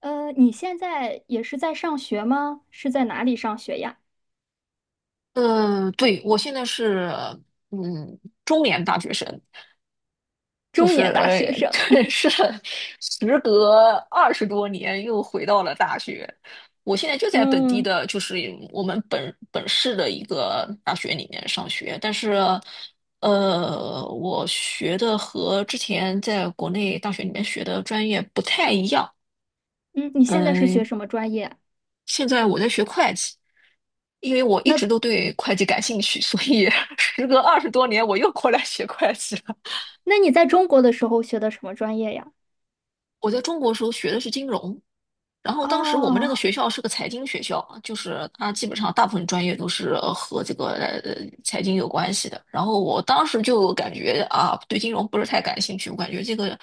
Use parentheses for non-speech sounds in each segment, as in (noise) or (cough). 你现在也是在上学吗？是在哪里上学呀？嗯，对，我现在是嗯中年大学生，就中是年大学生。(laughs) (laughs) 是时隔20多年又回到了大学。我现在就在本地嗯的，就是我们本市的一个大学里面上学，但是我学的和之前在国内大学里面学的专业不太一样。嗯，你现在是学嗯，什么专业啊？现在我在学会计，因为我一直那都对会计感兴趣，所以 (laughs) 时隔二十多年，我又过来学会计了。那你在中国的时候学的什么专业呀？我在中国时候学的是金融，然后当时我们那个哦，学校是个财经学校啊，就是它基本上大部分专业都是和这个财经有关系的。然后我当时就感觉啊，对金融不是太感兴趣，我感觉这个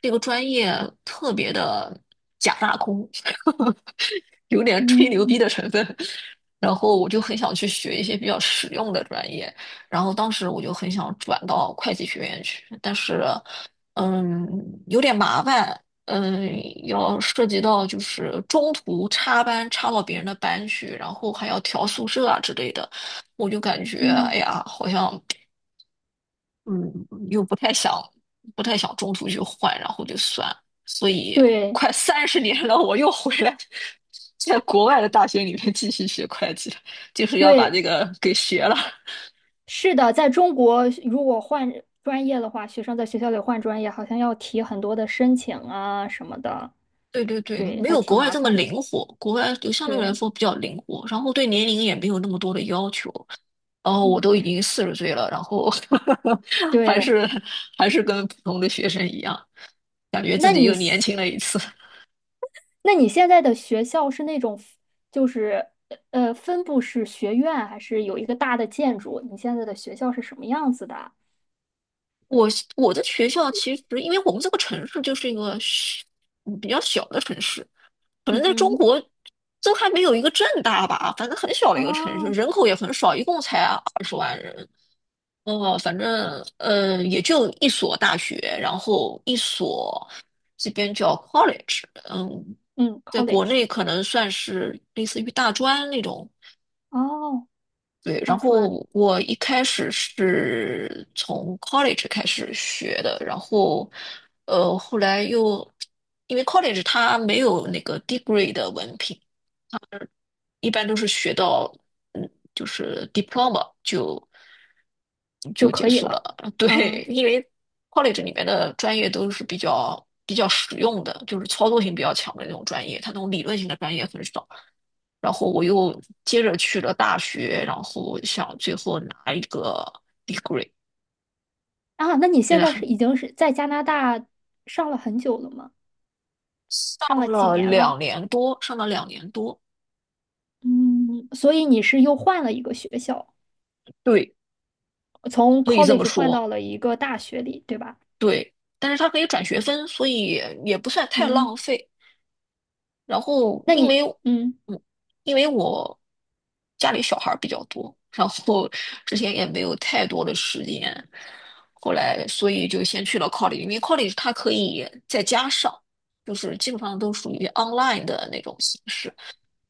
这个专业特别的假大空，(laughs) 有点吹牛嗯逼的成分。然后我就很想去学一些比较实用的专业，然后当时我就很想转到会计学院去，但是，嗯，有点麻烦。嗯，要涉及到就是中途插班插到别人的班去，然后还要调宿舍啊之类的，我就感觉哎嗯，呀，好像嗯，又不太想，不太想中途去换，然后就算了。所以对快30年了，我又回来，在国外的大学里面继续学会计，就是要把这对，个给学了。(laughs) 是的，在中国如果换专业的话，学生在学校里换专业，好像要提很多的申请啊什么的，对对对，对，没还有挺国外麻这么烦的。灵活，国外就相对来对，说比较灵活，然后对年龄也没有那么多的要求。哦，嗯，我都已经40岁了，然后 (laughs) 还对，是还是跟普通的学生一样，感觉自那己又你。年轻了一次。那你现在的学校是那种，就是分布式学院，还是有一个大的建筑？你现在的学校是什么样子的啊？(laughs) 我我的学校其实，因为我们这个城市就是一个小比较小的城市，可能在中嗯，国都还没有一个正大吧，反正很小的一个城市，哦，人口也很少，一共才20万人。哦，反正也就一所大学，然后一所这边叫 college，嗯，嗯在国，college,内可能算是类似于大专那种。哦，对，然大专后我一开始是从 college 开始学的，然后后来又因为 college 它没有那个 degree 的文凭，一般都是学到嗯，就是 diploma 就就就结可以束了。了。(laughs) 嗯对，因为 college 里面的专业都是比较实用的，就是操作性比较强的那种专业，它那种理论性的专业很少。然后我又接着去了大学，然后想最后拿一个 degree,啊，那你真现的在是很已经是在加拿大上了很久了吗？上上了几了年两了？年多，上了两年多，嗯，所以你是又换了一个学校，对，从 可以这么 college 换说，到了一个大学里，对吧？对。但是它可以转学分，所以也不算太嗯，浪费。然后那你嗯嗯，因为我家里小孩儿比较多，然后之前也没有太多的时间，后来所以就先去了 college,因为 college 它可以在家上，就是基本上都属于 online 的那种形式，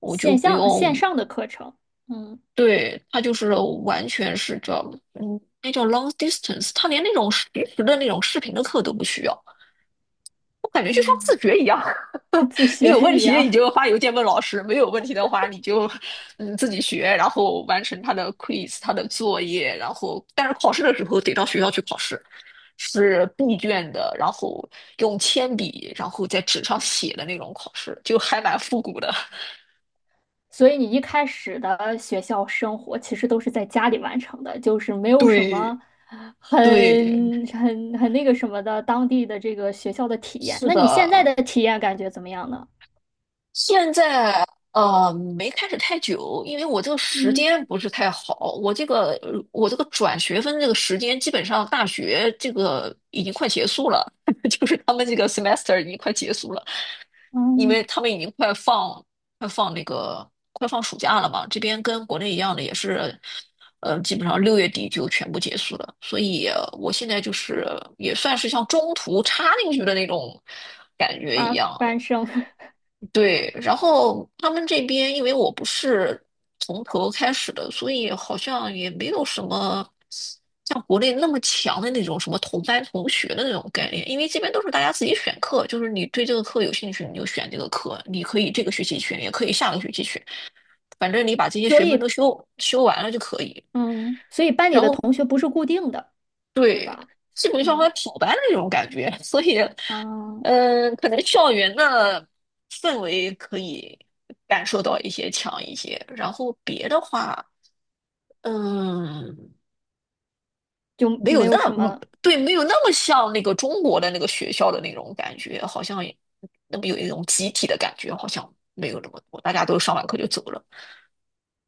我就线不上线用。上的课程。嗯。对，它就是完全是叫，嗯，那叫 long distance,它连那种实时的那种视频的课都不需要，我感觉就像自嗯，学一样。(laughs) 自你学有问一题你样。就发邮件问老师，没有问题的话你就自己学，然后完成他的 quiz、他的作业，然后但是考试的时候得到学校去考试，是闭卷的，然后用铅笔，然后在纸上写的那种考试，就还蛮复古的。(laughs) (laughs) 所以你一开始的学校生活其实都是在家里完成的，就是没有什么对很对，很那个什么的当地的这个学校的体验。是那你现在的，的体验感觉怎么样呢？现在没开始太久，因为我这个时嗯，间不是太好，我这个转学分这个时间基本上大学这个已经快结束了，(laughs) 就是他们这个 semester 已经快结束了，因为嗯，他们已经快放暑假了嘛，这边跟国内一样的也是，呃，基本上6月底就全部结束了，所以我现在就是也算是像中途插进去的那种感觉一插样，班生，对，然后他们这边因为我不是从头开始的，所以好像也没有什么像国内那么强的那种什么同班同学的那种概念，因为这边都是大家自己选课，就是你对这个课有兴趣你就选这个课，你可以这个学期选，也可以下个学期选，反正你把这 (laughs) 些所学分都以修完了就可以。嗯，所以班里然的后。同学不是固定的，对对，吧？基本上还嗯跑班的那种感觉，所以，嗯，嗯，可能校园的氛围可以感受到一些强一些，然后别的话，嗯，就没有没有那什么，么。对，没有那么像那个中国的那个学校的那种感觉，好像也那么有一种集体的感觉，好像没有那么多，大家都上完课就走了。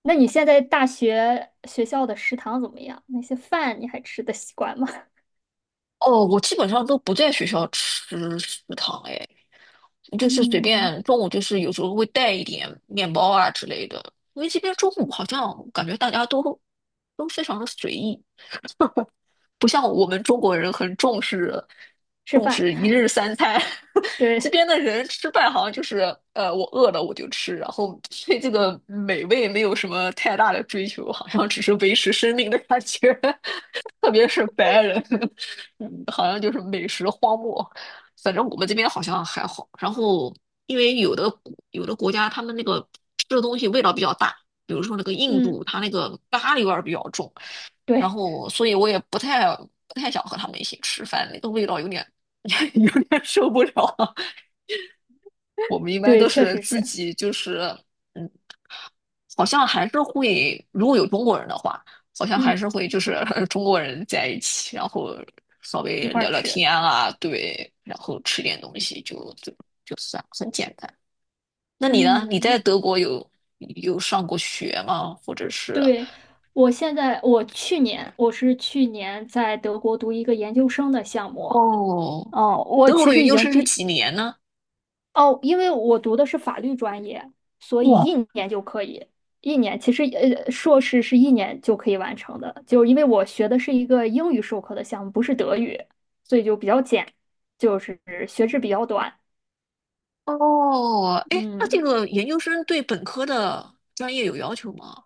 那你现在大学学校的食堂怎么样？那些饭你还吃得习惯吗？哦，我基本上都不在学校吃食堂，哎，就是随嗯，便中午就是有时候会带一点面包啊之类的，因为这边中午好像感觉大家都非常的随意，不像我们中国人很重视吃重饭，视一日三餐，(laughs) 这对，边的人吃饭好像就是我饿了我就吃，然后对这个美味没有什么太大的追求，好像只是维持生命的感觉。(laughs) 特别是白人，(laughs) 嗯好像就是美食荒漠。反正我们这边好像还好。然后，因为有的国家他们那个吃的东西味道比较大，比如说那个印嗯，度，它那个咖喱味儿比较重，然对，后所以我也不太想和他们一起吃饭，那个味道有点 (laughs) 有点受不了。我们一般对，都确是实自是，己就是嗯。好像还是会，如果有中国人的话，好像还嗯，是会就是 (laughs) 中国人在一起，然后稍一微块儿聊聊吃，天啊，对，然后吃点东西就就算很简单。那你呢？你在嗯，德国有上过学吗？或者是对，我现在，我去年，我是去年在德国读一个研究生的项目，哦，哦，我德国其的实研已究经生是毕，几年呢？哦，因为我读的是法律专业，所以一哇，年就可以，一年，其实硕士是一年就可以完成的，就是因为我学的是一个英语授课的项目，不是德语，所以就比较简，就是学制比较短，哦，哎，那这嗯。个研究生对本科的专业有要求吗？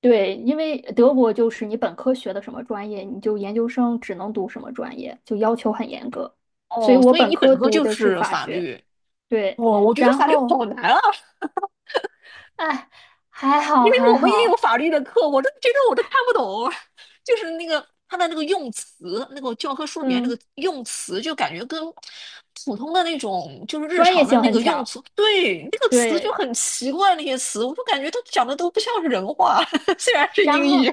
对，因为德国就是你本科学的什么专业，你就研究生只能读什么专业，就要求很严格。所以哦，我所以本你本科科读就的是是法法学，律。对，哦，我觉得然法律后，好难啊，哎，还因好为还我们也有好，法律的课，我都觉得我都看不懂，(laughs) 就是那个它的那个用词，那个教科书里面那个嗯，用词，就感觉跟普通的那种就是日专业常的性那很个用强，词，对，那个词就对，很奇怪，那些词，我就感觉它讲的都不像是人话，(laughs) 虽然是英然语。后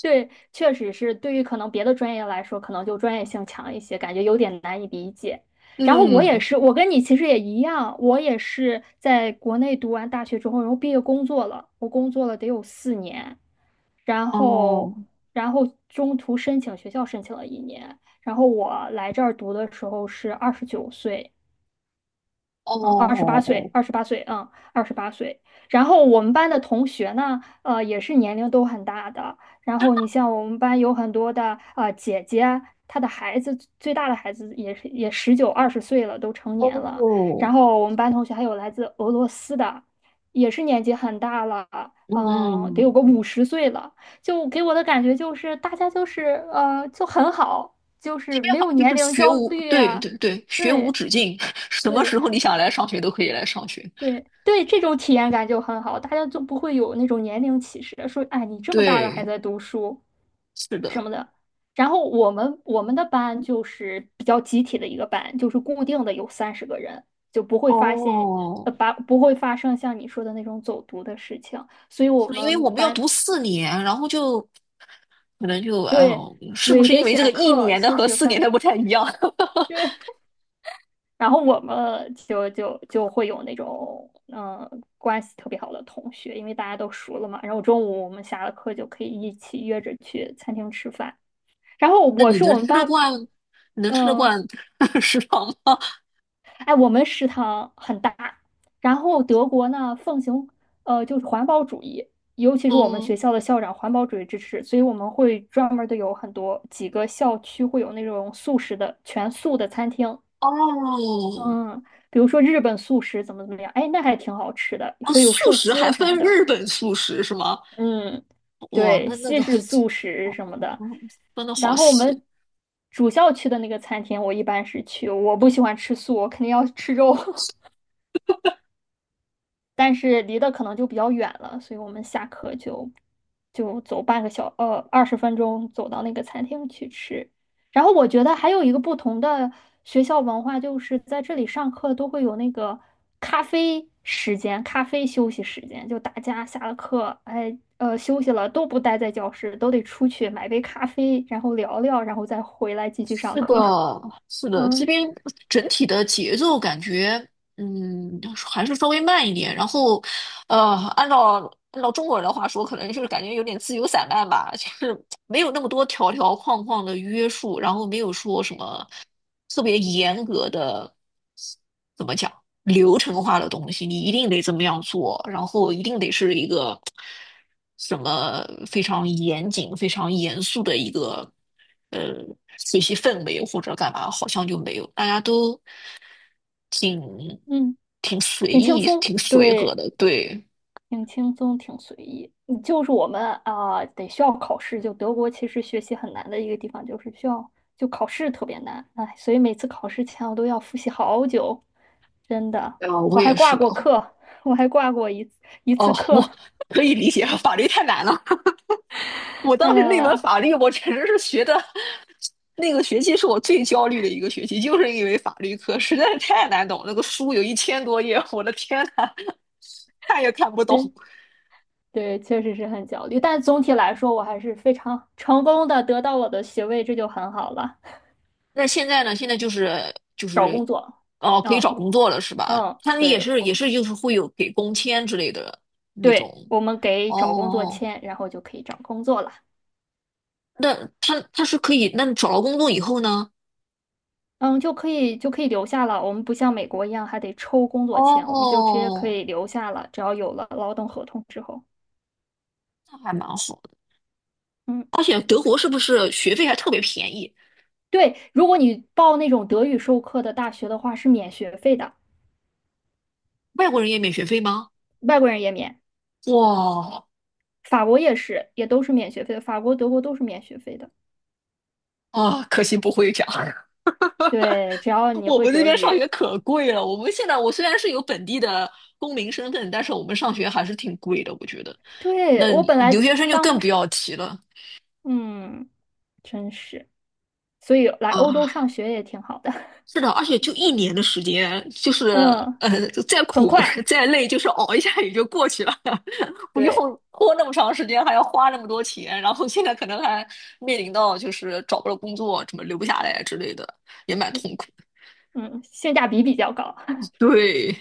对，确实是对于可能别的专业来说，可能就专业性强一些，感觉有点难以理解。然后我也嗯，是，我跟你其实也一样，我也是在国内读完大学之后，然后毕业工作了，我工作了得有4年。然后，哦，中途申请学校申请了一年，然后我来这儿读的时候是29岁，嗯，二十八岁，哦，二十八岁，嗯，二十八岁。然后我们班的同学呢，也是年龄都很大的。然后你像我们班有很多的姐姐，她的孩子最大的孩子也是也19、20岁了，都成年了。然哦，后我们班同学还有来自俄罗斯的，也是年纪很大了，嗯、得有嗯。个50岁了。就给我的感觉就是大家就是就很好，就这是边没好有像年就是龄学焦无，虑对啊，对对，学无对。止境，(laughs) 什么对，时候你想来上学都可以来上学。对对，这种体验感就很好，大家就不会有那种年龄歧视，说哎，你这么大了还对，在读书是什的。么的。然后我们的班就是比较集体的一个班，就是固定的有30个人，就不会发现哦，不会发生像你说的那种走读的事情，所以是我的因为们我们要读班四年，然后就可能就，哎对呦，是不对是得因为这个选一课年的修和学四年分，的不太一样？(laughs) 对然后我们就会有那种嗯、关系特别好的同学，因为大家都熟了嘛。然后中午我们下了课就可以一起约着去餐厅吃饭。然后那我你是我能们吃得班，惯，你能吃得嗯、惯 (laughs) 食堂吗？哎，我们食堂很大，然后德国呢奉行就是环保主义，尤其是我们学嗯，校的校长环保主义支持，所以我们会专门的有很多几个校区会有那种素食的全素的餐厅，哦，嗯，比如说日本素食怎么怎么样，哎，那还挺好吃的，哦，会有素寿食还司什么分的。日本素食是吗？嗯，哇，对，那那西个式素食什么的。嗯分的然好后我细。们主校区的那个餐厅，我一般是去，我不喜欢吃素，我肯定要吃肉。(laughs) 但是离得可能就比较远了，所以我们下课就走半个小呃20分钟走到那个餐厅去吃。然后我觉得还有一个不同的学校文化，就是在这里上课都会有那个咖啡时间、咖啡休息时间，就大家下了课，哎休息了都不待在教室，都得出去买杯咖啡，然后聊聊，然后再回来继续上是的，课。是 (laughs) 的，这嗯边整体的节奏感觉，嗯，还是稍微慢一点。然后，呃，按照中国人的话说，可能就是感觉有点自由散漫吧，就是没有那么多条条框框的约束，然后没有说什么特别严格的，怎么讲？流程化的东西，你一定得怎么样做，然后一定得是一个什么非常严谨、非常严肃的一个呃学习氛围或者干嘛，好像就没有，大家都挺嗯，挺随挺轻意、松，挺随和对。的。对，挺轻松，挺随意。嗯就是我们啊、得需要考试。就德国其实学习很难的一个地方，就是需要就考试特别难。哎，所以每次考试前我都要复习好久，真的。啊，我我还也挂是的。过课，我还挂过一次一哦，次课，我可以理解，法律太难了。我 (laughs) 太当时难那门了。法律，我简直是学的，那个学期是我最焦虑的一个学期，就是因为法律课实在是太难懂，那个书有1000多页，我的天呐，看也看不懂。对对，确实是很焦虑。但总体来说，我还是非常成功的得到我的学位，这就很好了。那现在呢？现在就是就找是，工作，哦，可以嗯找工作了是吧？嗯，他们也对是我也们是就是会有给工签之类的那对种。我们给找工作哦，签，然后就可以找工作了。那他是可以，那找到工作以后呢？嗯，就可以留下了。我们不像美国一样还得抽工作签，我们就直接可哦，以留下了。只要有了劳动合同之后，那还蛮好的。嗯，而且德国是不是学费还特别便宜？对，如果你报那种德语授课的大学的话，是免学费的，外国人也免学费吗？外国人也免，哇法国也是，也都是免学费的，法国、德国都是免学费的。啊，可惜不会讲。(laughs) 对，只要你我会们那德边上学语。可贵了。我们现在，我虽然是有本地的公民身份，但是我们上学还是挺贵的，我觉得。对，那我你本留来学生就当更不时，要提了嗯，真是，所以来欧洲啊。上学也挺好的，是的，而且就一年的时间，就是 (laughs) 嗯，呃，就再很苦 快，(laughs) 再累，就是熬一下也就过去了，(laughs) 不用对拖那么长时间，还要花那么多钱。然后现在可能还面临到就是找不到工作，怎么留不下来之类的，也蛮对，痛苦。嗯，性价比比较高。对。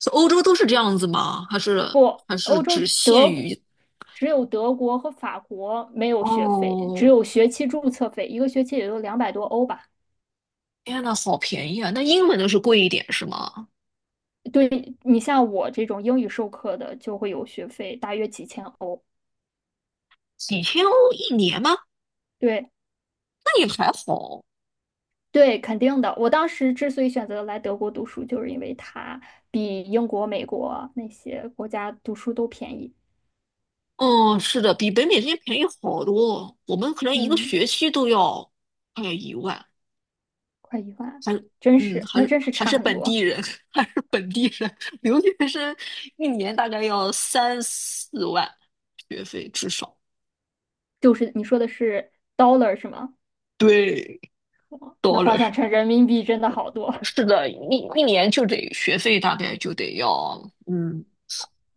是欧洲都是这样子吗？还是不，还是欧洲只限于？只有德国和法国没有学费，只哦，有学期注册费，一个学期也就200多欧吧。天呐，好便宜啊！那英文的是贵一点是吗？对，你像我这种英语授课的，就会有学费，大约几千欧。几千欧一年吗？对那也还好。对，肯定的。我当时之所以选择来德国读书，就是因为它比英国、美国那些国家读书都便宜。哦，是的，比北美这边便宜好多。我们可能一个嗯，学期都要快要1万，快1万，还真是，还那是真是差很本地多。人，(laughs) 还是本地人留学生一年大概要3、4万学费至少。就是你说的是 dollar 是吗？对哦，dollar，d 那 o l l 换 a 算 r 成人民币真的好多。是的，一年就得学费大概就得要，嗯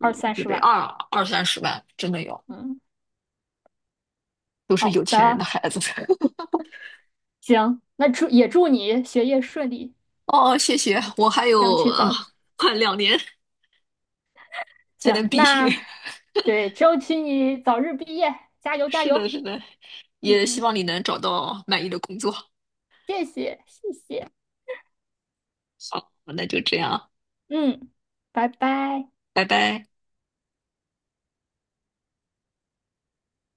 二三就十得万。二三十万，真的要，嗯，都是好有钱人的的，孩子。(laughs) 行，那祝也祝你学业顺利，哦，谢谢，我还争有取啊，早，快两年才行，能毕业。那 (laughs) 对，争取你早日毕业，加油加是的，油。是的，也希嗯，望你能找到满意的工作。谢谢谢谢，好，那就这样，嗯，拜拜。拜拜。